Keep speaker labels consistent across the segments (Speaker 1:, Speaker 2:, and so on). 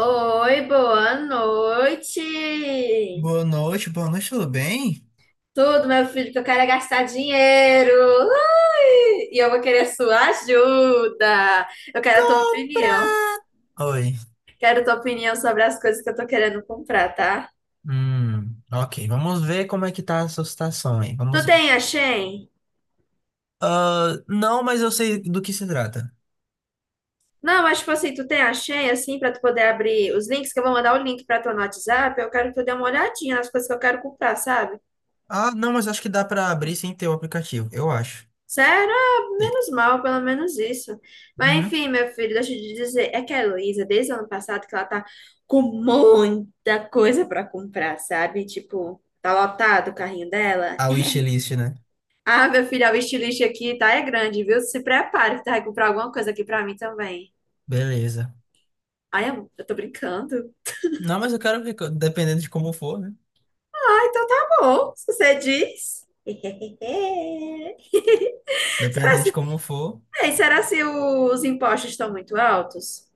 Speaker 1: Oi, boa noite!
Speaker 2: Boa noite, tudo bem?
Speaker 1: Tudo, meu filho, que eu quero é gastar dinheiro! Ui! E eu vou querer a sua ajuda! Eu quero a tua opinião.
Speaker 2: Oi.
Speaker 1: Quero a tua opinião sobre as coisas que eu tô querendo comprar, tá?
Speaker 2: Ok, vamos ver como é que tá a sua situação aí,
Speaker 1: Tu
Speaker 2: vamos ver.
Speaker 1: tem a Shein?
Speaker 2: Ah, não, mas eu sei do que se trata.
Speaker 1: Não, mas tipo assim, tu tem a Shein, assim, pra tu poder abrir os links, que eu vou mandar o link pra tu no WhatsApp. Eu quero que tu dê uma olhadinha nas coisas que eu quero comprar, sabe?
Speaker 2: Ah, não, mas acho que dá pra abrir sem ter o aplicativo, eu acho.
Speaker 1: Sério? Ah,
Speaker 2: E-
Speaker 1: menos mal, pelo menos isso. Mas
Speaker 2: Uhum.
Speaker 1: enfim, meu filho, deixa eu te dizer, é que a Heloísa, desde o ano passado, que ela tá com muita coisa pra comprar, sabe? Tipo, tá lotado o carrinho dela.
Speaker 2: A wishlist, né?
Speaker 1: Ah, meu filho, o estilista aqui tá é grande, viu? Se prepare, que tá? Vai comprar alguma coisa aqui pra mim também.
Speaker 2: Beleza.
Speaker 1: Ai, amor, eu tô brincando.
Speaker 2: Não, mas eu quero ver, dependendo de como for, né?
Speaker 1: Ah, então tá bom, se você diz. Será
Speaker 2: Dependendo de
Speaker 1: se,
Speaker 2: como for.
Speaker 1: Ei, será se os impostos estão muito altos?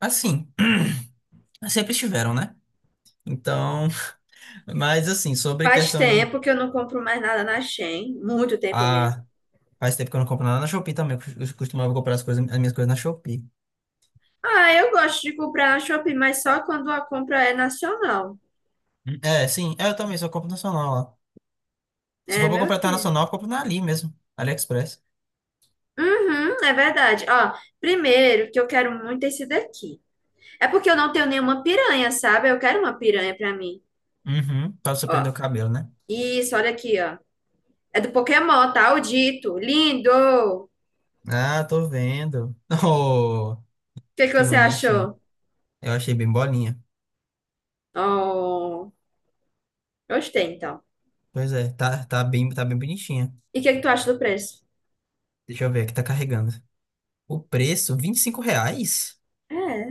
Speaker 2: Assim, sempre estiveram, né? Então, mas assim, sobre
Speaker 1: Faz
Speaker 2: questão de.
Speaker 1: tempo que eu não compro mais nada na Shein, muito tempo mesmo.
Speaker 2: Ah. Faz tempo que eu não compro nada na Shopee também. Eu costumava comprar as coisas, as minhas coisas na Shopee.
Speaker 1: Ah, eu gosto de comprar na Shopee, mas só quando a compra é nacional.
Speaker 2: Hum. É, sim. É, eu também só compro nacional lá. Se
Speaker 1: É,
Speaker 2: for pra
Speaker 1: meu
Speaker 2: comprar
Speaker 1: filho.
Speaker 2: internacional, eu compro na Ali mesmo. AliExpress.
Speaker 1: Uhum, é verdade. Ó, primeiro que eu quero muito esse daqui. É porque eu não tenho nenhuma piranha, sabe? Eu quero uma piranha pra mim.
Speaker 2: Uhum. Pra você prender
Speaker 1: Ó,
Speaker 2: o cabelo, né?
Speaker 1: isso, olha aqui, ó. É do Pokémon, tá? O Dito. Lindo! O
Speaker 2: Ah, tô vendo. Oh,
Speaker 1: que que
Speaker 2: que
Speaker 1: você
Speaker 2: bonitinho.
Speaker 1: achou?
Speaker 2: Eu achei bem bolinha.
Speaker 1: Oh, gostei, então.
Speaker 2: Pois é, tá, tá bem bonitinha.
Speaker 1: E o que que tu acha do preço?
Speaker 2: Deixa eu ver aqui, tá carregando. O preço, 25 reais?
Speaker 1: É.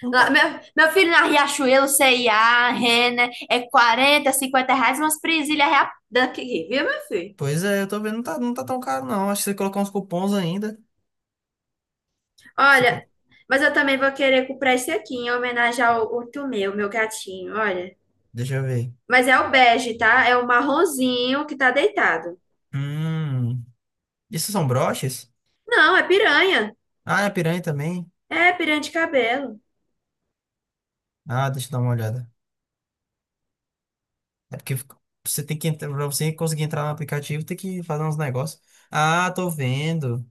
Speaker 2: Não
Speaker 1: Lá-
Speaker 2: tá.
Speaker 1: Meu, meu filho, na Riachuelo, C&A, Renner, é 40, 50 reais, umas presilhas daqui, viu, meu filho?
Speaker 2: Pois é, eu tô vendo, não tá, não tá tão caro, não. Acho que você colocar uns cupons ainda. Você
Speaker 1: Olha,
Speaker 2: colo-
Speaker 1: mas eu também vou querer comprar esse aqui em homenagem ao outro meu gatinho, olha.
Speaker 2: Deixa eu ver.
Speaker 1: Mas é o bege, tá? É o marronzinho que tá deitado.
Speaker 2: Hum. Isso são broches?
Speaker 1: Não, é piranha.
Speaker 2: Ah, é piranha também?
Speaker 1: É piranha de cabelo. O
Speaker 2: Ah, deixa eu dar uma olhada. É porque fica- Você tem que entrar, pra você conseguir entrar no aplicativo, tem que fazer uns negócios. Ah, tô vendo.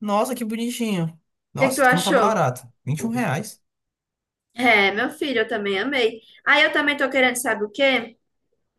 Speaker 2: Nossa, que bonitinho.
Speaker 1: que que tu
Speaker 2: Nossa, como tá
Speaker 1: achou?
Speaker 2: barato. 21 reais.
Speaker 1: É, meu filho, eu também amei. Aí eu também tô querendo, sabe o quê?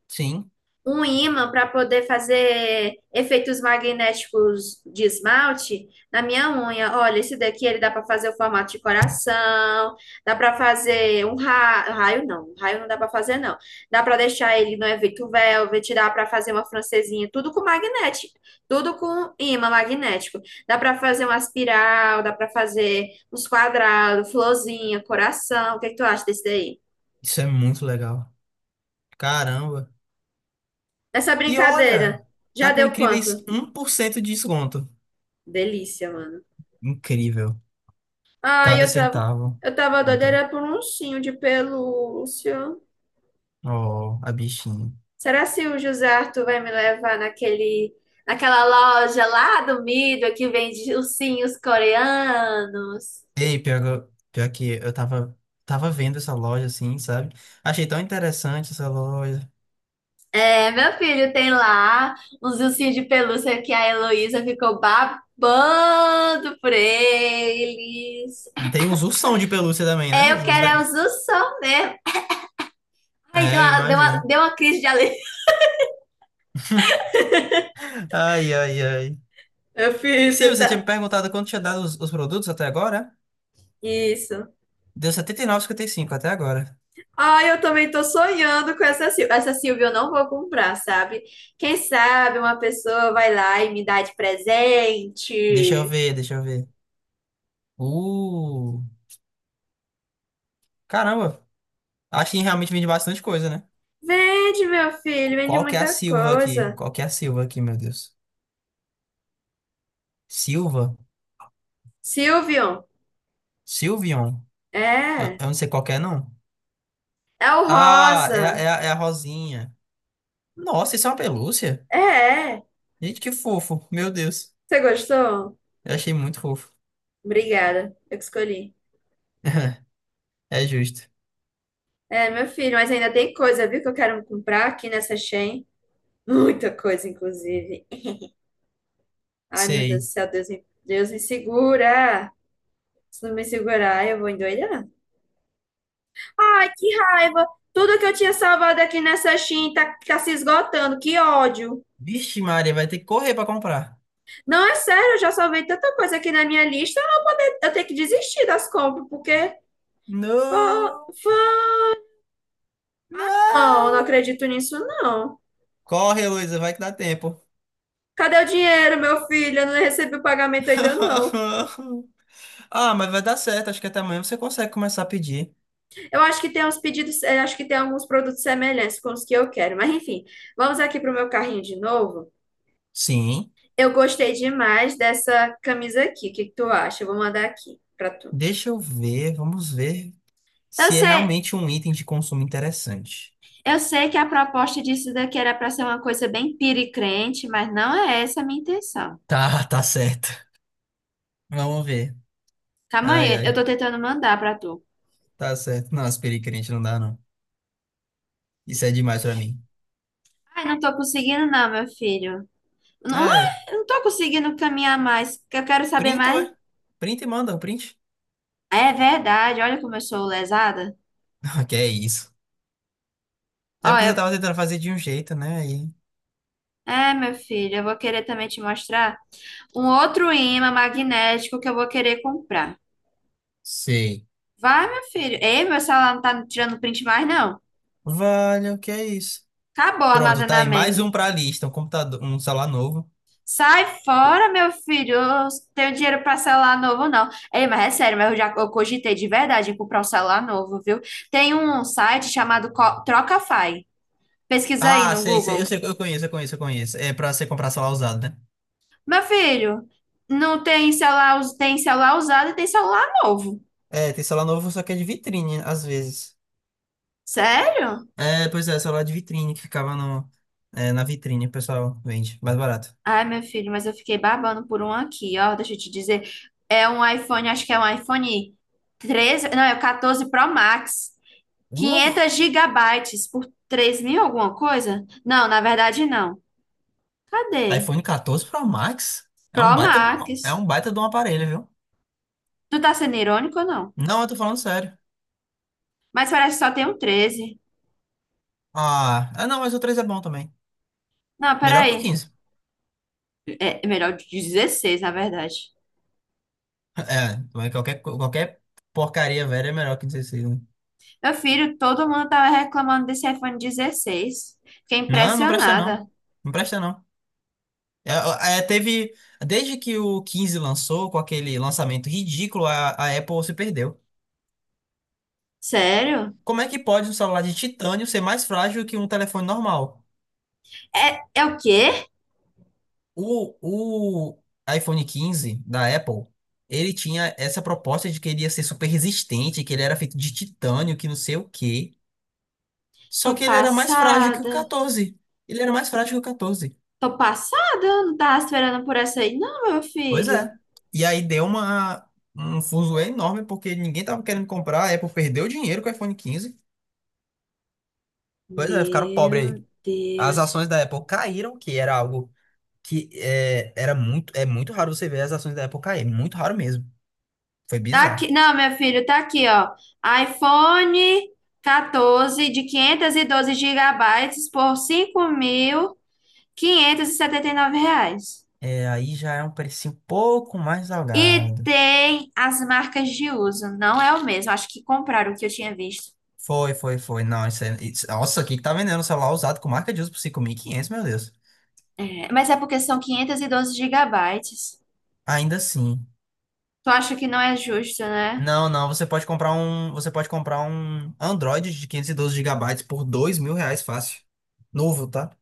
Speaker 2: Sim,
Speaker 1: Um ímã para poder fazer efeitos magnéticos de esmalte na minha unha. Olha, esse daqui ele dá para fazer o formato de coração, dá para fazer raio, não, um raio não dá para fazer não. Dá para deixar ele no efeito velvet, dá para fazer uma francesinha, tudo com magnético, tudo com ímã magnético. Dá para fazer uma espiral, dá para fazer uns quadrados, florzinha, coração. O que que tu acha desse daí?
Speaker 2: isso é muito legal. Caramba.
Speaker 1: Essa
Speaker 2: E olha,
Speaker 1: brincadeira
Speaker 2: tá
Speaker 1: já
Speaker 2: com
Speaker 1: deu
Speaker 2: incríveis
Speaker 1: quanto?
Speaker 2: 1% de desconto.
Speaker 1: Delícia, mano.
Speaker 2: Incrível.
Speaker 1: Ah,
Speaker 2: Cada
Speaker 1: eu tava,
Speaker 2: centavo
Speaker 1: eu tava doida,
Speaker 2: conta.
Speaker 1: era por um ursinho de pelúcia.
Speaker 2: Oh, a bichinha.
Speaker 1: Será se o José Arthur vai me levar naquele, naquela loja lá do Mido que vende ursinhos coreanos?
Speaker 2: Ei, pior, pior que eu tava vendo essa loja assim, sabe? Achei tão interessante essa loja.
Speaker 1: É, meu filho tem lá uns ursinhos de pelúcia que a Heloísa ficou babando por eles.
Speaker 2: Tem uns ursão de pelúcia também, né?
Speaker 1: É, eu quero é os ursos mesmo. Ai, deu
Speaker 2: É, eu
Speaker 1: uma, deu uma,
Speaker 2: imagino.
Speaker 1: deu uma crise de alegria.
Speaker 2: Ai, ai, ai.
Speaker 1: Eu fiz,
Speaker 2: Sim,
Speaker 1: você
Speaker 2: você tinha me
Speaker 1: tá.
Speaker 2: perguntado quanto tinha dado os produtos até agora? Né?
Speaker 1: Isso.
Speaker 2: Deu 79,55 até agora.
Speaker 1: Ai, eu também tô sonhando com essa Silvia. Essa Silvia eu não vou comprar, sabe? Quem sabe uma pessoa vai lá e me dá de
Speaker 2: Deixa eu
Speaker 1: presente.
Speaker 2: ver, deixa eu ver. Uh, caramba. Acho que realmente vende bastante coisa, né?
Speaker 1: Vende, meu filho, vende
Speaker 2: Qual que é a
Speaker 1: muita
Speaker 2: Silva aqui?
Speaker 1: coisa.
Speaker 2: Qual que é a Silva aqui, meu Deus? Silva?
Speaker 1: Silvio,
Speaker 2: Silvion? Eu,
Speaker 1: é.
Speaker 2: eu não sei qual que é, não.
Speaker 1: É o
Speaker 2: Ah, é, a-
Speaker 1: rosa.
Speaker 2: é, a- é a Rosinha. Nossa, isso é uma pelúcia?
Speaker 1: É, é.
Speaker 2: Gente, que fofo. Meu Deus.
Speaker 1: Você gostou?
Speaker 2: Eu achei muito fofo.
Speaker 1: Obrigada, eu que escolhi.
Speaker 2: É justo.
Speaker 1: É, meu filho, mas ainda tem coisa, viu, que eu quero comprar aqui nessa Shein. Muita coisa, inclusive. Ai, meu Deus do
Speaker 2: Sei.
Speaker 1: céu, Deus me segura. Se não me segurar, eu vou endoidar. Ai, que raiva! Tudo que eu tinha salvado aqui nessa Shein tá se esgotando, que ódio.
Speaker 2: Vixe, Maria, vai ter que correr pra comprar.
Speaker 1: Não, é sério, eu já salvei tanta coisa aqui na minha lista, eu tenho que desistir das compras, porque fã-
Speaker 2: Não!
Speaker 1: fã- ah, não, não
Speaker 2: Não!
Speaker 1: acredito nisso, não.
Speaker 2: Corre, Heloísa, vai que dá tempo.
Speaker 1: Cadê o dinheiro, meu filho? Eu não recebi o pagamento ainda, não.
Speaker 2: Ah, mas vai dar certo. Acho que até amanhã você consegue começar a pedir.
Speaker 1: Eu acho que tem uns pedidos, acho que tem alguns produtos semelhantes com os que eu quero, mas enfim, vamos aqui pro meu carrinho de novo.
Speaker 2: Sim.
Speaker 1: Eu gostei demais dessa camisa aqui, o que que tu acha? Eu vou mandar aqui pra tu.
Speaker 2: Deixa eu ver. Vamos ver
Speaker 1: Eu
Speaker 2: se é
Speaker 1: sei,
Speaker 2: realmente um item de consumo interessante.
Speaker 1: Eu sei que a proposta disso daqui era para ser uma coisa bem piricrente, mas não é essa a minha intenção.
Speaker 2: Tá, tá certo. Vamos ver.
Speaker 1: Calma
Speaker 2: Ai,
Speaker 1: aí, eu
Speaker 2: ai.
Speaker 1: tô tentando mandar para tu.
Speaker 2: Tá certo. Não, aspirei crente não dá, não. Isso é demais pra mim.
Speaker 1: Ai, não tô conseguindo não, meu filho. Não,
Speaker 2: É,
Speaker 1: não tô conseguindo caminhar mais, que eu quero saber
Speaker 2: printa, ué.
Speaker 1: mais.
Speaker 2: Printa e manda um print.
Speaker 1: É verdade, olha como eu sou lesada.
Speaker 2: Que é isso. É
Speaker 1: Ó,
Speaker 2: porque você
Speaker 1: eu...
Speaker 2: tava tentando fazer de um jeito, né? Aí.
Speaker 1: É, meu filho, eu vou querer também te mostrar um outro ímã magnético que eu vou querer comprar.
Speaker 2: Sei.
Speaker 1: Vai, meu filho. Ei, meu celular não tá tirando print mais, não.
Speaker 2: Vale, o que é isso?
Speaker 1: Acabou o
Speaker 2: Pronto, tá aí. Mais
Speaker 1: armazenamento.
Speaker 2: um pra lista. Um computador, um celular novo.
Speaker 1: Sai fora, meu filho. Eu tenho dinheiro para celular novo, não. Ei, mas é sério, mas eu já eu cogitei de verdade em comprar um celular novo, viu? Tem um site chamado Trocafy. Pesquisa aí
Speaker 2: Ah,
Speaker 1: no
Speaker 2: sei, sei. Eu
Speaker 1: Google.
Speaker 2: sei, eu conheço, eu conheço, eu conheço. É pra você comprar celular usado, né?
Speaker 1: Meu filho, não tem celular, tem celular usado e tem celular novo.
Speaker 2: É, tem celular novo, só que é de vitrine, às vezes.
Speaker 1: Sério?
Speaker 2: É, pois é, celular de vitrine que ficava no, é, na vitrine, o pessoal vende. Mais barato.
Speaker 1: Ai, meu filho, mas eu fiquei babando por um aqui, ó. Deixa eu te dizer. É um iPhone, acho que é um iPhone 13 não, é o 14 Pro Max.
Speaker 2: Uh!
Speaker 1: 500 gigabytes por 3 mil alguma coisa? Não, na verdade não. Cadê?
Speaker 2: iPhone 14 Pro Max
Speaker 1: Pro
Speaker 2: é
Speaker 1: Max.
Speaker 2: um baita de um aparelho, viu?
Speaker 1: Tu tá sendo irônico ou não?
Speaker 2: Não, eu tô falando sério.
Speaker 1: Mas parece que só tem um 13.
Speaker 2: Ah, não, mas o 3 é bom também.
Speaker 1: Não,
Speaker 2: Melhor que o
Speaker 1: peraí.
Speaker 2: 15.
Speaker 1: É melhor de 16, na verdade.
Speaker 2: É, mas qualquer porcaria velha é melhor que o 16, né?
Speaker 1: Meu filho, todo mundo tava reclamando desse iPhone 16. Fiquei
Speaker 2: Não, não presta
Speaker 1: impressionada.
Speaker 2: não. Não presta não. É, é, teve, Desde que o 15 lançou, com aquele lançamento ridículo, a Apple se perdeu.
Speaker 1: Sério?
Speaker 2: Como é que pode um celular de titânio ser mais frágil que um telefone normal?
Speaker 1: É, é o quê?
Speaker 2: O iPhone 15 da Apple, ele tinha essa proposta de que ele ia ser super resistente, que ele era feito de titânio, que não sei o quê. Só
Speaker 1: Tô
Speaker 2: que ele era mais frágil que o
Speaker 1: passada.
Speaker 2: 14. Ele era mais frágil que o 14.
Speaker 1: Tô passada? Eu não tava esperando por essa aí, não, meu
Speaker 2: Pois
Speaker 1: filho.
Speaker 2: é. E aí deu um fuzuê enorme, porque ninguém tava querendo comprar, a Apple perdeu dinheiro com o iPhone 15. Pois é, ficaram pobres
Speaker 1: Meu
Speaker 2: aí. As
Speaker 1: Deus.
Speaker 2: ações da Apple caíram, que era algo que é, era muito, é muito raro você ver as ações da Apple cair, é muito raro mesmo. Foi
Speaker 1: Tá aqui,
Speaker 2: bizarro.
Speaker 1: não, meu filho, tá aqui, ó. iPhone 14 de 512 gigabytes por cinco mil quinhentos e setenta e nove reais.
Speaker 2: É, aí já é um preço um pouco mais
Speaker 1: E
Speaker 2: salgado.
Speaker 1: tem as marcas de uso, não é o mesmo. Acho que compraram o que eu tinha visto.
Speaker 2: Foi, foi, foi. Não, isso é. Isso, nossa, aqui que tá vendendo um celular usado com marca de uso por 5.500, meu Deus.
Speaker 1: É, mas é porque são 512 gigabytes.
Speaker 2: Ainda assim.
Speaker 1: Tu acha que não é justo, né?
Speaker 2: Não, não, você pode comprar um. Android de 512 gigabytes por 2 mil reais, fácil. Novo, tá?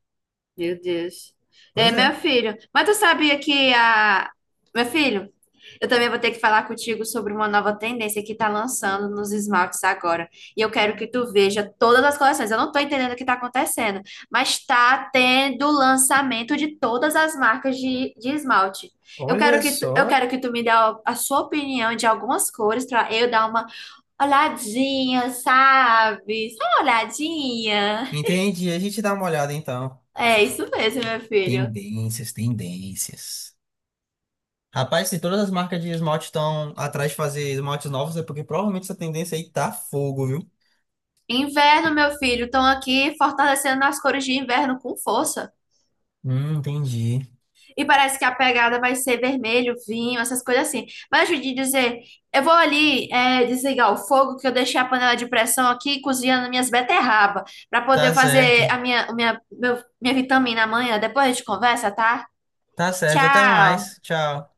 Speaker 1: Meu Deus. É,
Speaker 2: Pois
Speaker 1: meu
Speaker 2: é.
Speaker 1: filho, mas tu sabia que a. Meu filho, eu também vou ter que falar contigo sobre uma nova tendência que está lançando nos esmaltes agora. E eu quero que tu veja todas as coleções. Eu não estou entendendo o que está acontecendo, mas está tendo lançamento de todas as marcas de esmalte. Eu quero
Speaker 2: Olha
Speaker 1: que tu, eu
Speaker 2: só.
Speaker 1: quero que tu me dê a sua opinião de algumas cores para eu dar uma olhadinha, sabe? Só uma olhadinha.
Speaker 2: Entendi. A gente dá uma olhada então.
Speaker 1: É isso mesmo, meu filho.
Speaker 2: Tendências, tendências. Rapaz, se todas as marcas de esmalte estão atrás de fazer esmaltes novos, é porque provavelmente essa tendência aí tá fogo, viu?
Speaker 1: Inverno, meu filho, estão aqui fortalecendo as cores de inverno com força.
Speaker 2: Entendi.
Speaker 1: E parece que a pegada vai ser vermelho, vinho, essas coisas assim. Mas eu de dizer, eu vou ali desligar o fogo, que eu deixei a panela de pressão aqui cozinhando minhas beterraba, para poder
Speaker 2: Tá
Speaker 1: fazer
Speaker 2: certo.
Speaker 1: a minha vitamina amanhã. Depois a gente conversa, tá?
Speaker 2: Tá certo. Até
Speaker 1: Tchau!
Speaker 2: mais. Tchau.